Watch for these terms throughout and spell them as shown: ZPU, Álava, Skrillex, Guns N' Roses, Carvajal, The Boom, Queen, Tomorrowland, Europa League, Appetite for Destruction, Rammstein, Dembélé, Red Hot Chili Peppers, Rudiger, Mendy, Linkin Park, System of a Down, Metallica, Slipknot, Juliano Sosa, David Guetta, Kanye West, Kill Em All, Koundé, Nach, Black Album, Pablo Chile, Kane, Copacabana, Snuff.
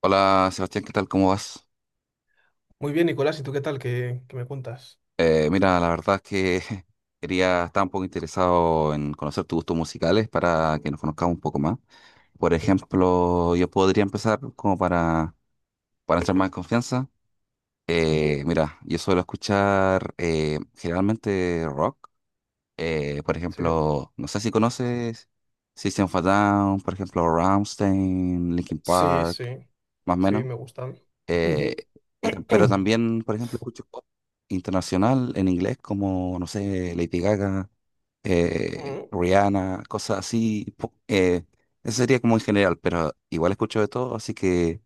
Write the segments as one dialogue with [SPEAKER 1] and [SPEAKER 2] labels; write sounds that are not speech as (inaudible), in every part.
[SPEAKER 1] Hola Sebastián, ¿qué tal? ¿Cómo vas?
[SPEAKER 2] Muy bien, Nicolás, ¿y tú qué tal? ¿Qué me cuentas?
[SPEAKER 1] Mira, la verdad es que (laughs) quería, estar un poco interesado en conocer tus gustos musicales para que nos conozcamos un poco más. Por ejemplo, yo podría empezar como para entrar más en confianza.
[SPEAKER 2] Ujú,
[SPEAKER 1] Mira, yo suelo escuchar generalmente rock. Por
[SPEAKER 2] sí.
[SPEAKER 1] ejemplo, no sé si conoces System of a Down, por ejemplo, Rammstein, Linkin
[SPEAKER 2] Sí, sí,
[SPEAKER 1] Park, más o
[SPEAKER 2] sí,
[SPEAKER 1] menos.
[SPEAKER 2] me gustan.
[SPEAKER 1] Eh,
[SPEAKER 2] Ujú.
[SPEAKER 1] pero
[SPEAKER 2] (clears throat)
[SPEAKER 1] también, por ejemplo, escucho pop internacional en inglés como, no sé, Lady Gaga,
[SPEAKER 2] Ujú.
[SPEAKER 1] Rihanna, cosas así. Eso sería como en general, pero igual escucho de todo, así que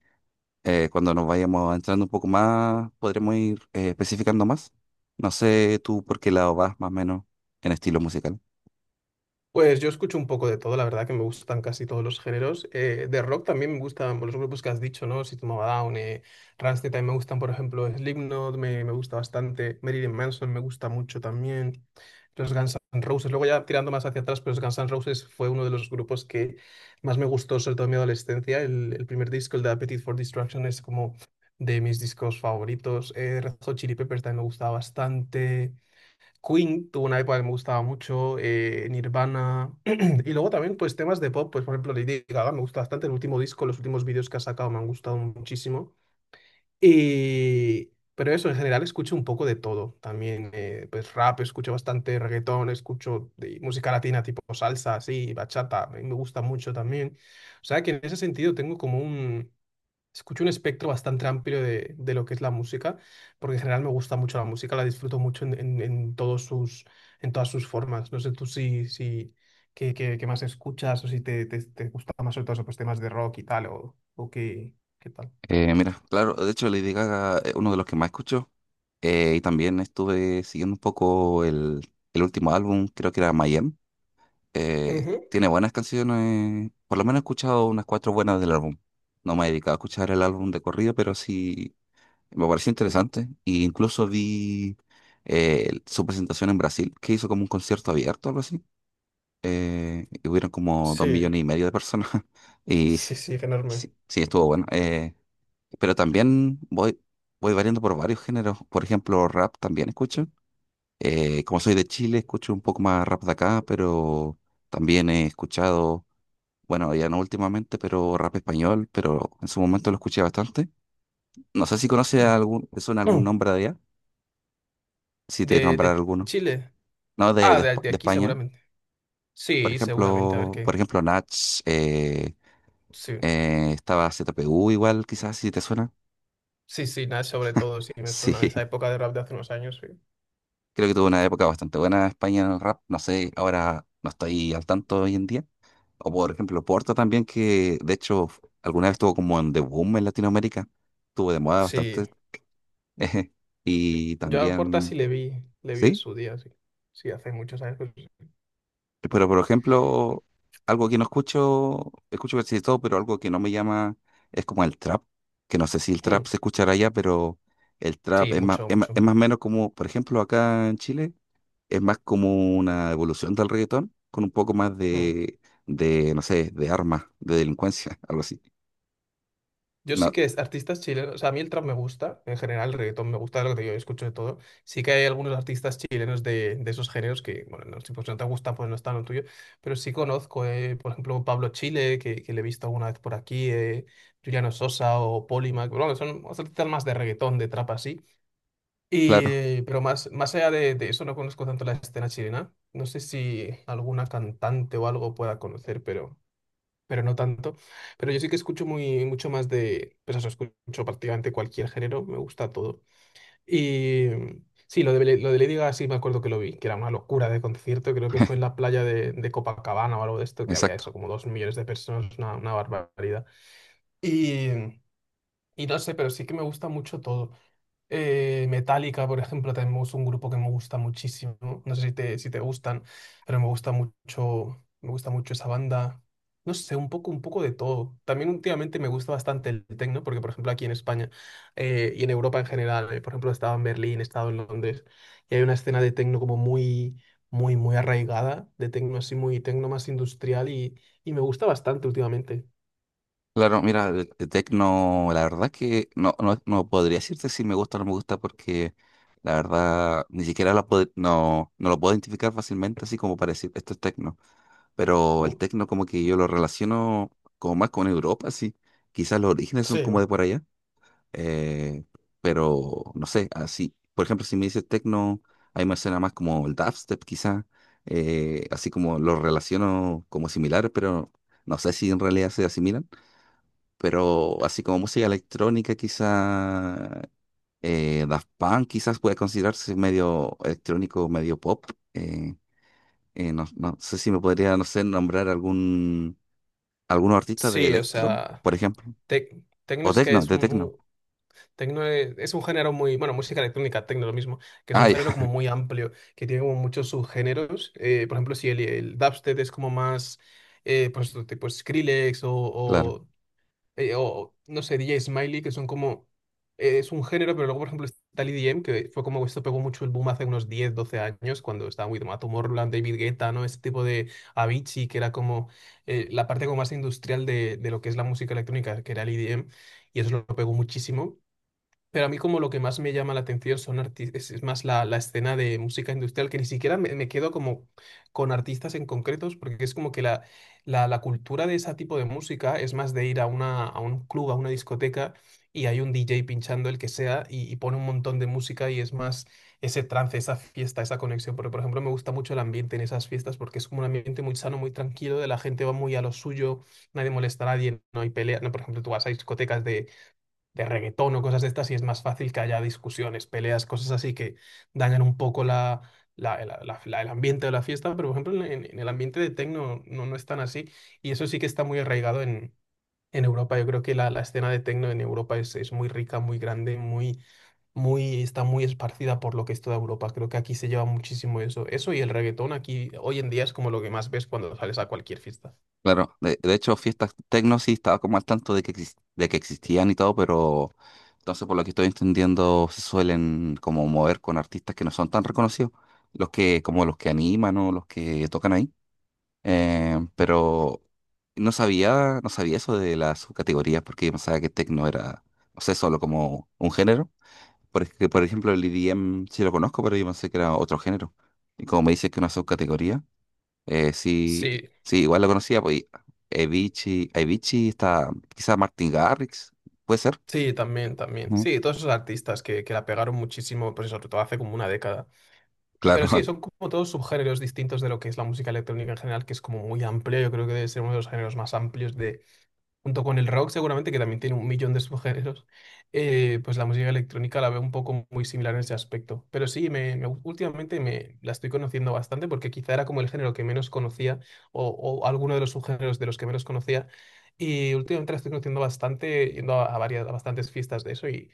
[SPEAKER 1] cuando nos vayamos entrando un poco más, podremos ir especificando más. No sé tú por qué lado vas más o menos en estilo musical.
[SPEAKER 2] Pues yo escucho un poco de todo, la verdad que me gustan casi todos los géneros. De rock también me gustan los grupos que has dicho, ¿no? System of a Down, Rammstein también me gustan, por ejemplo, Slipknot me gusta bastante, Marilyn Manson me gusta mucho también, los Guns N' Roses. Luego ya tirando más hacia atrás, pero los Guns N' Roses fue uno de los grupos que más me gustó, sobre todo en mi adolescencia. El primer disco, el de Appetite for Destruction, es como de mis discos favoritos. Red Hot Chili Peppers también me gustaba bastante. Queen tuvo una época que me gustaba mucho, Nirvana, (clears throat) y luego también pues temas de pop, pues por ejemplo Lady Gaga me gusta bastante, el último disco, los últimos vídeos que ha sacado me han gustado muchísimo, y, pero eso, en general escucho un poco de todo, también pues rap, escucho bastante reggaetón, escucho de música latina tipo salsa, así, bachata, me gusta mucho también, o sea que en ese sentido tengo como un. Escucho un espectro bastante amplio de lo que es la música, porque en general me gusta mucho la música, la disfruto mucho en todos en todas sus formas. No sé tú si, si qué más escuchas o si te gusta más sobre todo esos pues, temas de rock y tal, o qué tal.
[SPEAKER 1] Mira, claro, de hecho Lady Gaga es uno de los que más escucho, y también estuve siguiendo un poco el último álbum, creo que era Mayhem.
[SPEAKER 2] Ujú.
[SPEAKER 1] Tiene buenas canciones. Por lo menos he escuchado unas 4 buenas del álbum. No me he dedicado a escuchar el álbum de corrido, pero sí me pareció interesante. Y incluso vi su presentación en Brasil, que hizo como un concierto abierto, algo así. Y hubieron como dos
[SPEAKER 2] Sí,
[SPEAKER 1] millones y medio de personas. (laughs) Y
[SPEAKER 2] sí, sí, enorme.
[SPEAKER 1] sí, sí estuvo bueno. Pero también voy variando por varios géneros. Por ejemplo, rap también escucho. Como soy de Chile, escucho un poco más rap de acá, pero también he escuchado, bueno, ya no últimamente, pero rap español, pero en su momento lo escuché bastante. No sé si conoce
[SPEAKER 2] (clears throat)
[SPEAKER 1] algún, te suena algún
[SPEAKER 2] Mm.
[SPEAKER 1] nombre de allá, si te
[SPEAKER 2] De,
[SPEAKER 1] nombrar
[SPEAKER 2] de
[SPEAKER 1] alguno.
[SPEAKER 2] Chile.
[SPEAKER 1] No,
[SPEAKER 2] Ah, de,
[SPEAKER 1] Espa-
[SPEAKER 2] de
[SPEAKER 1] de
[SPEAKER 2] aquí
[SPEAKER 1] España.
[SPEAKER 2] seguramente.
[SPEAKER 1] Por
[SPEAKER 2] Sí, seguramente, a ver
[SPEAKER 1] ejemplo, por
[SPEAKER 2] qué.
[SPEAKER 1] ejemplo, Nach, eh,
[SPEAKER 2] Sí,
[SPEAKER 1] estaba ZPU igual, quizás, si te suena.
[SPEAKER 2] sí, sí, nada, sobre todo, sí, me
[SPEAKER 1] Sí,
[SPEAKER 2] suena de esa
[SPEAKER 1] (laughs)
[SPEAKER 2] época de rap de hace unos años, sí.
[SPEAKER 1] creo que tuvo una época bastante buena España en el rap. No sé, ahora no estoy al tanto hoy en día. O por ejemplo, Porta también, que de hecho alguna vez estuvo como en The Boom en Latinoamérica, estuvo de moda bastante.
[SPEAKER 2] Sí.
[SPEAKER 1] (laughs) Y
[SPEAKER 2] Yo a Porta sí
[SPEAKER 1] también,
[SPEAKER 2] le vi en
[SPEAKER 1] sí,
[SPEAKER 2] su día, sí. Sí, hace muchos años.
[SPEAKER 1] pero por ejemplo, algo que no escucho, escucho casi de todo, pero algo que no me llama es como el trap, que no sé si el
[SPEAKER 2] Hmm,
[SPEAKER 1] trap se escuchará allá, pero el trap
[SPEAKER 2] sí,
[SPEAKER 1] es más,
[SPEAKER 2] mucho,
[SPEAKER 1] es más,
[SPEAKER 2] mucho.
[SPEAKER 1] es más o menos como, por ejemplo, acá en Chile, es más como una evolución del reggaetón, con un poco más
[SPEAKER 2] Hmm.
[SPEAKER 1] de no sé, de armas, de delincuencia, (laughs) algo así.
[SPEAKER 2] Yo sí
[SPEAKER 1] No,
[SPEAKER 2] que es artistas chilenos, o sea, a mí el trap me gusta, en general el reggaetón me gusta, lo que yo escucho de todo. Sí que hay algunos artistas chilenos de esos géneros que, bueno, no, si pues no te gusta, pues no está en lo tuyo, pero sí conozco, por ejemplo, Pablo Chile, que le he visto alguna vez por aquí, Juliano Sosa o Polymac, bueno, son artistas más de reggaetón, de trap así.
[SPEAKER 1] claro.
[SPEAKER 2] Pero más, más allá de eso, no conozco tanto la escena chilena. No sé si alguna cantante o algo pueda conocer, pero no tanto. Pero yo sí que escucho mucho más de, pues eso, escucho prácticamente cualquier género, me gusta todo. Y sí, lo de Lady Gaga sí me acuerdo que lo vi, que era una locura de concierto, creo que fue en la playa de Copacabana o algo de esto, que había
[SPEAKER 1] Exacto.
[SPEAKER 2] eso, como 2 millones de personas, una barbaridad. Y, y no sé, pero sí que me gusta mucho todo. Metallica, por ejemplo, también es un grupo que me gusta muchísimo. No sé si te gustan, pero me gusta mucho esa banda. No sé, un poco de todo. También últimamente me gusta bastante el techno, porque por ejemplo aquí en España y en Europa en general, por ejemplo, he estado en Berlín, he estado en Londres, y hay una escena de techno como muy, muy, muy arraigada, de techno así muy techno más industrial y me gusta bastante últimamente.
[SPEAKER 1] Claro, mira, el techno, la verdad que no, no podría decirte si me gusta o no me gusta porque la verdad ni siquiera la no lo puedo identificar fácilmente así como para decir esto es techno. Pero el
[SPEAKER 2] Mm.
[SPEAKER 1] techno como que yo lo relaciono como más con Europa, así. Quizás los orígenes son
[SPEAKER 2] Sí,
[SPEAKER 1] como de por allá. eh, pero no sé, así. Por ejemplo, si me dices techno, ahí me suena más como el dubstep quizás. Así como lo relaciono como similar, pero no sé si en realidad se asimilan. Pero así como música electrónica, quizá Daft Punk quizás puede considerarse medio electrónico, medio pop. eh, no sé si me podría, no sé, nombrar algún algunos artistas de
[SPEAKER 2] sí, o
[SPEAKER 1] electro,
[SPEAKER 2] sea,
[SPEAKER 1] por ejemplo,
[SPEAKER 2] techno
[SPEAKER 1] o
[SPEAKER 2] es que
[SPEAKER 1] techno,
[SPEAKER 2] es
[SPEAKER 1] de
[SPEAKER 2] un,
[SPEAKER 1] techno.
[SPEAKER 2] un- Tecno es un género bueno, música electrónica, tecno lo mismo, que es
[SPEAKER 1] Ah,
[SPEAKER 2] un
[SPEAKER 1] ya,
[SPEAKER 2] género como
[SPEAKER 1] (laughs)
[SPEAKER 2] muy amplio, que tiene como muchos subgéneros. Por ejemplo, si el dubstep es como más, pues otro tipo Skrillex o,
[SPEAKER 1] claro,
[SPEAKER 2] o, eh, o, no sé, DJ Smiley, que son como, es un género, pero luego, por ejemplo, está el EDM, que fue como esto pegó mucho el boom hace unos 10 12 años, cuando estaba muy de moda Tomorrowland, David Guetta, ¿no? Ese tipo de Avicii, que era como la parte como más industrial de lo que es la música electrónica, que era el EDM, y eso lo pegó muchísimo. Pero a mí como lo que más me llama la atención son es más la escena de música industrial, que ni siquiera me quedo como con artistas en concretos, porque es como que la, la cultura de ese tipo de música es más de ir a un club, a una discoteca, y hay un DJ pinchando el que sea, y pone un montón de música y es más ese trance, esa fiesta, esa conexión. Porque, por ejemplo, me gusta mucho el ambiente en esas fiestas, porque es como un ambiente muy sano, muy tranquilo, de la gente va muy a lo suyo, nadie molesta a nadie, no hay pelea. No, por ejemplo, tú vas a discotecas de reggaetón o cosas de estas y es más fácil que haya discusiones, peleas, cosas así que dañan un poco la, el ambiente de la fiesta, pero por ejemplo en el ambiente de techno no es tan así y eso sí que está muy arraigado en Europa. Yo creo que la escena de techno en Europa es muy rica, muy grande, está muy esparcida por lo que es toda Europa. Creo que aquí se lleva muchísimo eso. Eso y el reggaetón aquí hoy en día es como lo que más ves cuando sales a cualquier fiesta.
[SPEAKER 1] claro. De hecho, fiestas techno sí estaba como al tanto de que de que existían y todo, pero entonces por lo que estoy entendiendo se suelen como mover con artistas que no son tan reconocidos, los que como los que animan o los que tocan ahí. Pero no sabía, no sabía eso de las subcategorías porque yo pensaba que techno era, no sé, solo como un género. Porque, por ejemplo, el EDM sí lo conozco, pero yo pensé que era otro género. Y como me dices que una subcategoría, sí,
[SPEAKER 2] Sí,
[SPEAKER 1] sí, igual lo conocía, pues Avicii está, quizá Martin Garrix, puede ser.
[SPEAKER 2] sí, también, también.
[SPEAKER 1] Ujú.
[SPEAKER 2] Sí, todos esos artistas que la pegaron muchísimo, pues eso, sobre todo hace como una década.
[SPEAKER 1] (laughs)
[SPEAKER 2] Pero sí,
[SPEAKER 1] Claro,
[SPEAKER 2] son como todos subgéneros distintos de lo que es la música electrónica en general, que es como muy amplio. Yo creo que debe ser uno de los géneros más amplios de, junto con el rock seguramente, que también tiene un millón de subgéneros, pues la música electrónica la veo un poco muy similar en ese aspecto. Pero sí, últimamente me la estoy conociendo bastante porque quizá era como el género que menos conocía o alguno de los subgéneros de los que menos conocía. Y últimamente la estoy conociendo bastante, yendo a bastantes fiestas de eso y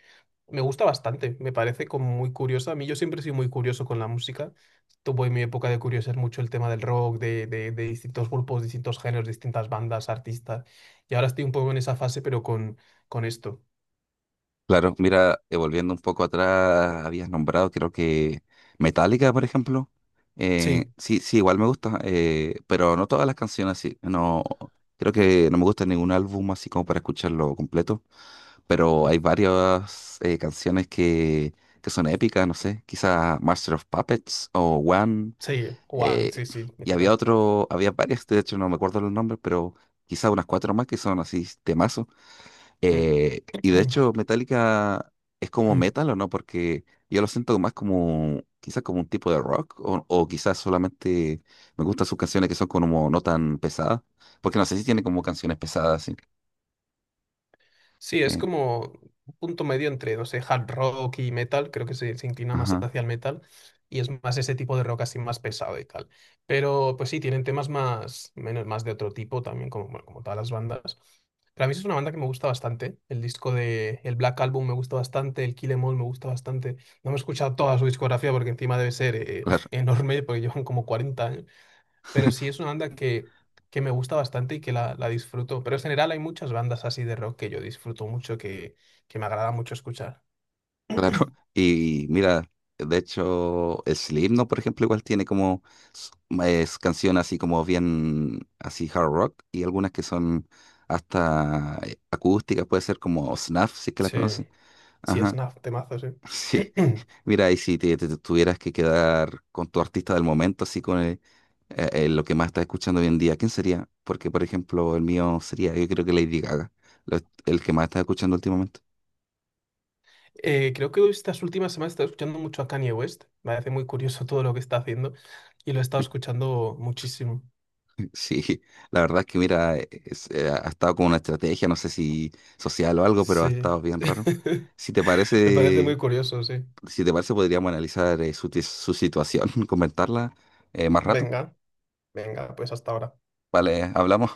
[SPEAKER 2] me gusta bastante, me parece como muy curiosa. A mí yo siempre he sido muy curioso con la música. Tuve en mi época de curiosidad mucho el tema del rock, de distintos grupos, distintos géneros, distintas bandas, artistas. Y ahora estoy un poco en esa fase, pero con esto.
[SPEAKER 1] claro, mira, volviendo un poco atrás, habías nombrado, creo que Metallica, por ejemplo.
[SPEAKER 2] Sí,
[SPEAKER 1] Sí, sí, igual me gusta, pero no todas las canciones, sí. No, creo que no me gusta ningún álbum así como para escucharlo completo, pero
[SPEAKER 2] mm,
[SPEAKER 1] hay varias canciones que son épicas, no sé, quizás Master of Puppets o One.
[SPEAKER 2] sí, Wang,
[SPEAKER 1] eh,
[SPEAKER 2] sí, sí,
[SPEAKER 1] y
[SPEAKER 2] mítica.
[SPEAKER 1] había otro, había varias, de hecho no me acuerdo los nombres, pero quizás unas 4 más que son así temas. Y de hecho,
[SPEAKER 2] (clears throat)
[SPEAKER 1] Metallica es como metal o no, porque yo lo siento más como, quizás como un tipo de rock, o quizás solamente me gustan sus canciones que son como no tan pesadas, porque no sé si tiene como canciones pesadas, sí.
[SPEAKER 2] Sí, es
[SPEAKER 1] Eh,
[SPEAKER 2] como un punto medio entre, no sé, hard rock y metal, creo que se inclina más
[SPEAKER 1] ajá,
[SPEAKER 2] hacia el metal y es más ese tipo de rock así más pesado y tal. Pero pues sí, tienen temas más, menos, más de otro tipo también, como, bueno, como todas las bandas. Pero a mí es una banda que me gusta bastante. El disco de el Black Album me gusta bastante, el Kill Em All me gusta bastante. No me he escuchado toda su discografía porque encima debe ser
[SPEAKER 1] claro,
[SPEAKER 2] (laughs) enorme porque llevan como 40 años, pero sí es una banda que me gusta bastante y que la disfruto. Pero en general hay muchas bandas así de rock que yo disfruto mucho, que me agrada mucho escuchar.
[SPEAKER 1] claro. (laughs)
[SPEAKER 2] (clears throat)
[SPEAKER 1] Y mira, de hecho, Slipknot, por ejemplo, igual tiene como s- es canciones así como bien, así hard rock, y algunas que son hasta acústicas, puede ser como Snuff, si es que la
[SPEAKER 2] Sí,
[SPEAKER 1] conocen.
[SPEAKER 2] sí, es
[SPEAKER 1] Ajá. (laughs)
[SPEAKER 2] una temazo, sí.
[SPEAKER 1] Sí,
[SPEAKER 2] (clears throat)
[SPEAKER 1] mira, y si te tuvieras que quedar con tu artista del momento, así con lo que más estás escuchando hoy en día, ¿quién sería? Porque, por ejemplo, el mío sería, yo creo que Lady Gaga, lo- el que más estás escuchando últimamente.
[SPEAKER 2] Creo que estas últimas semanas he estado escuchando mucho a Kanye West. Me parece muy curioso todo lo que está haciendo y lo he estado escuchando muchísimo.
[SPEAKER 1] (laughs) Sí, la verdad es que, mira, ha estado con una estrategia, no sé si social o algo, pero ha
[SPEAKER 2] Sí,
[SPEAKER 1] estado bien raro.
[SPEAKER 2] (laughs)
[SPEAKER 1] Si te
[SPEAKER 2] me parece
[SPEAKER 1] parece,
[SPEAKER 2] muy curioso, sí.
[SPEAKER 1] si te parece, podríamos analizar su situación, (laughs) comentarla más rato.
[SPEAKER 2] Venga, venga, pues hasta ahora.
[SPEAKER 1] Vale, hablamos.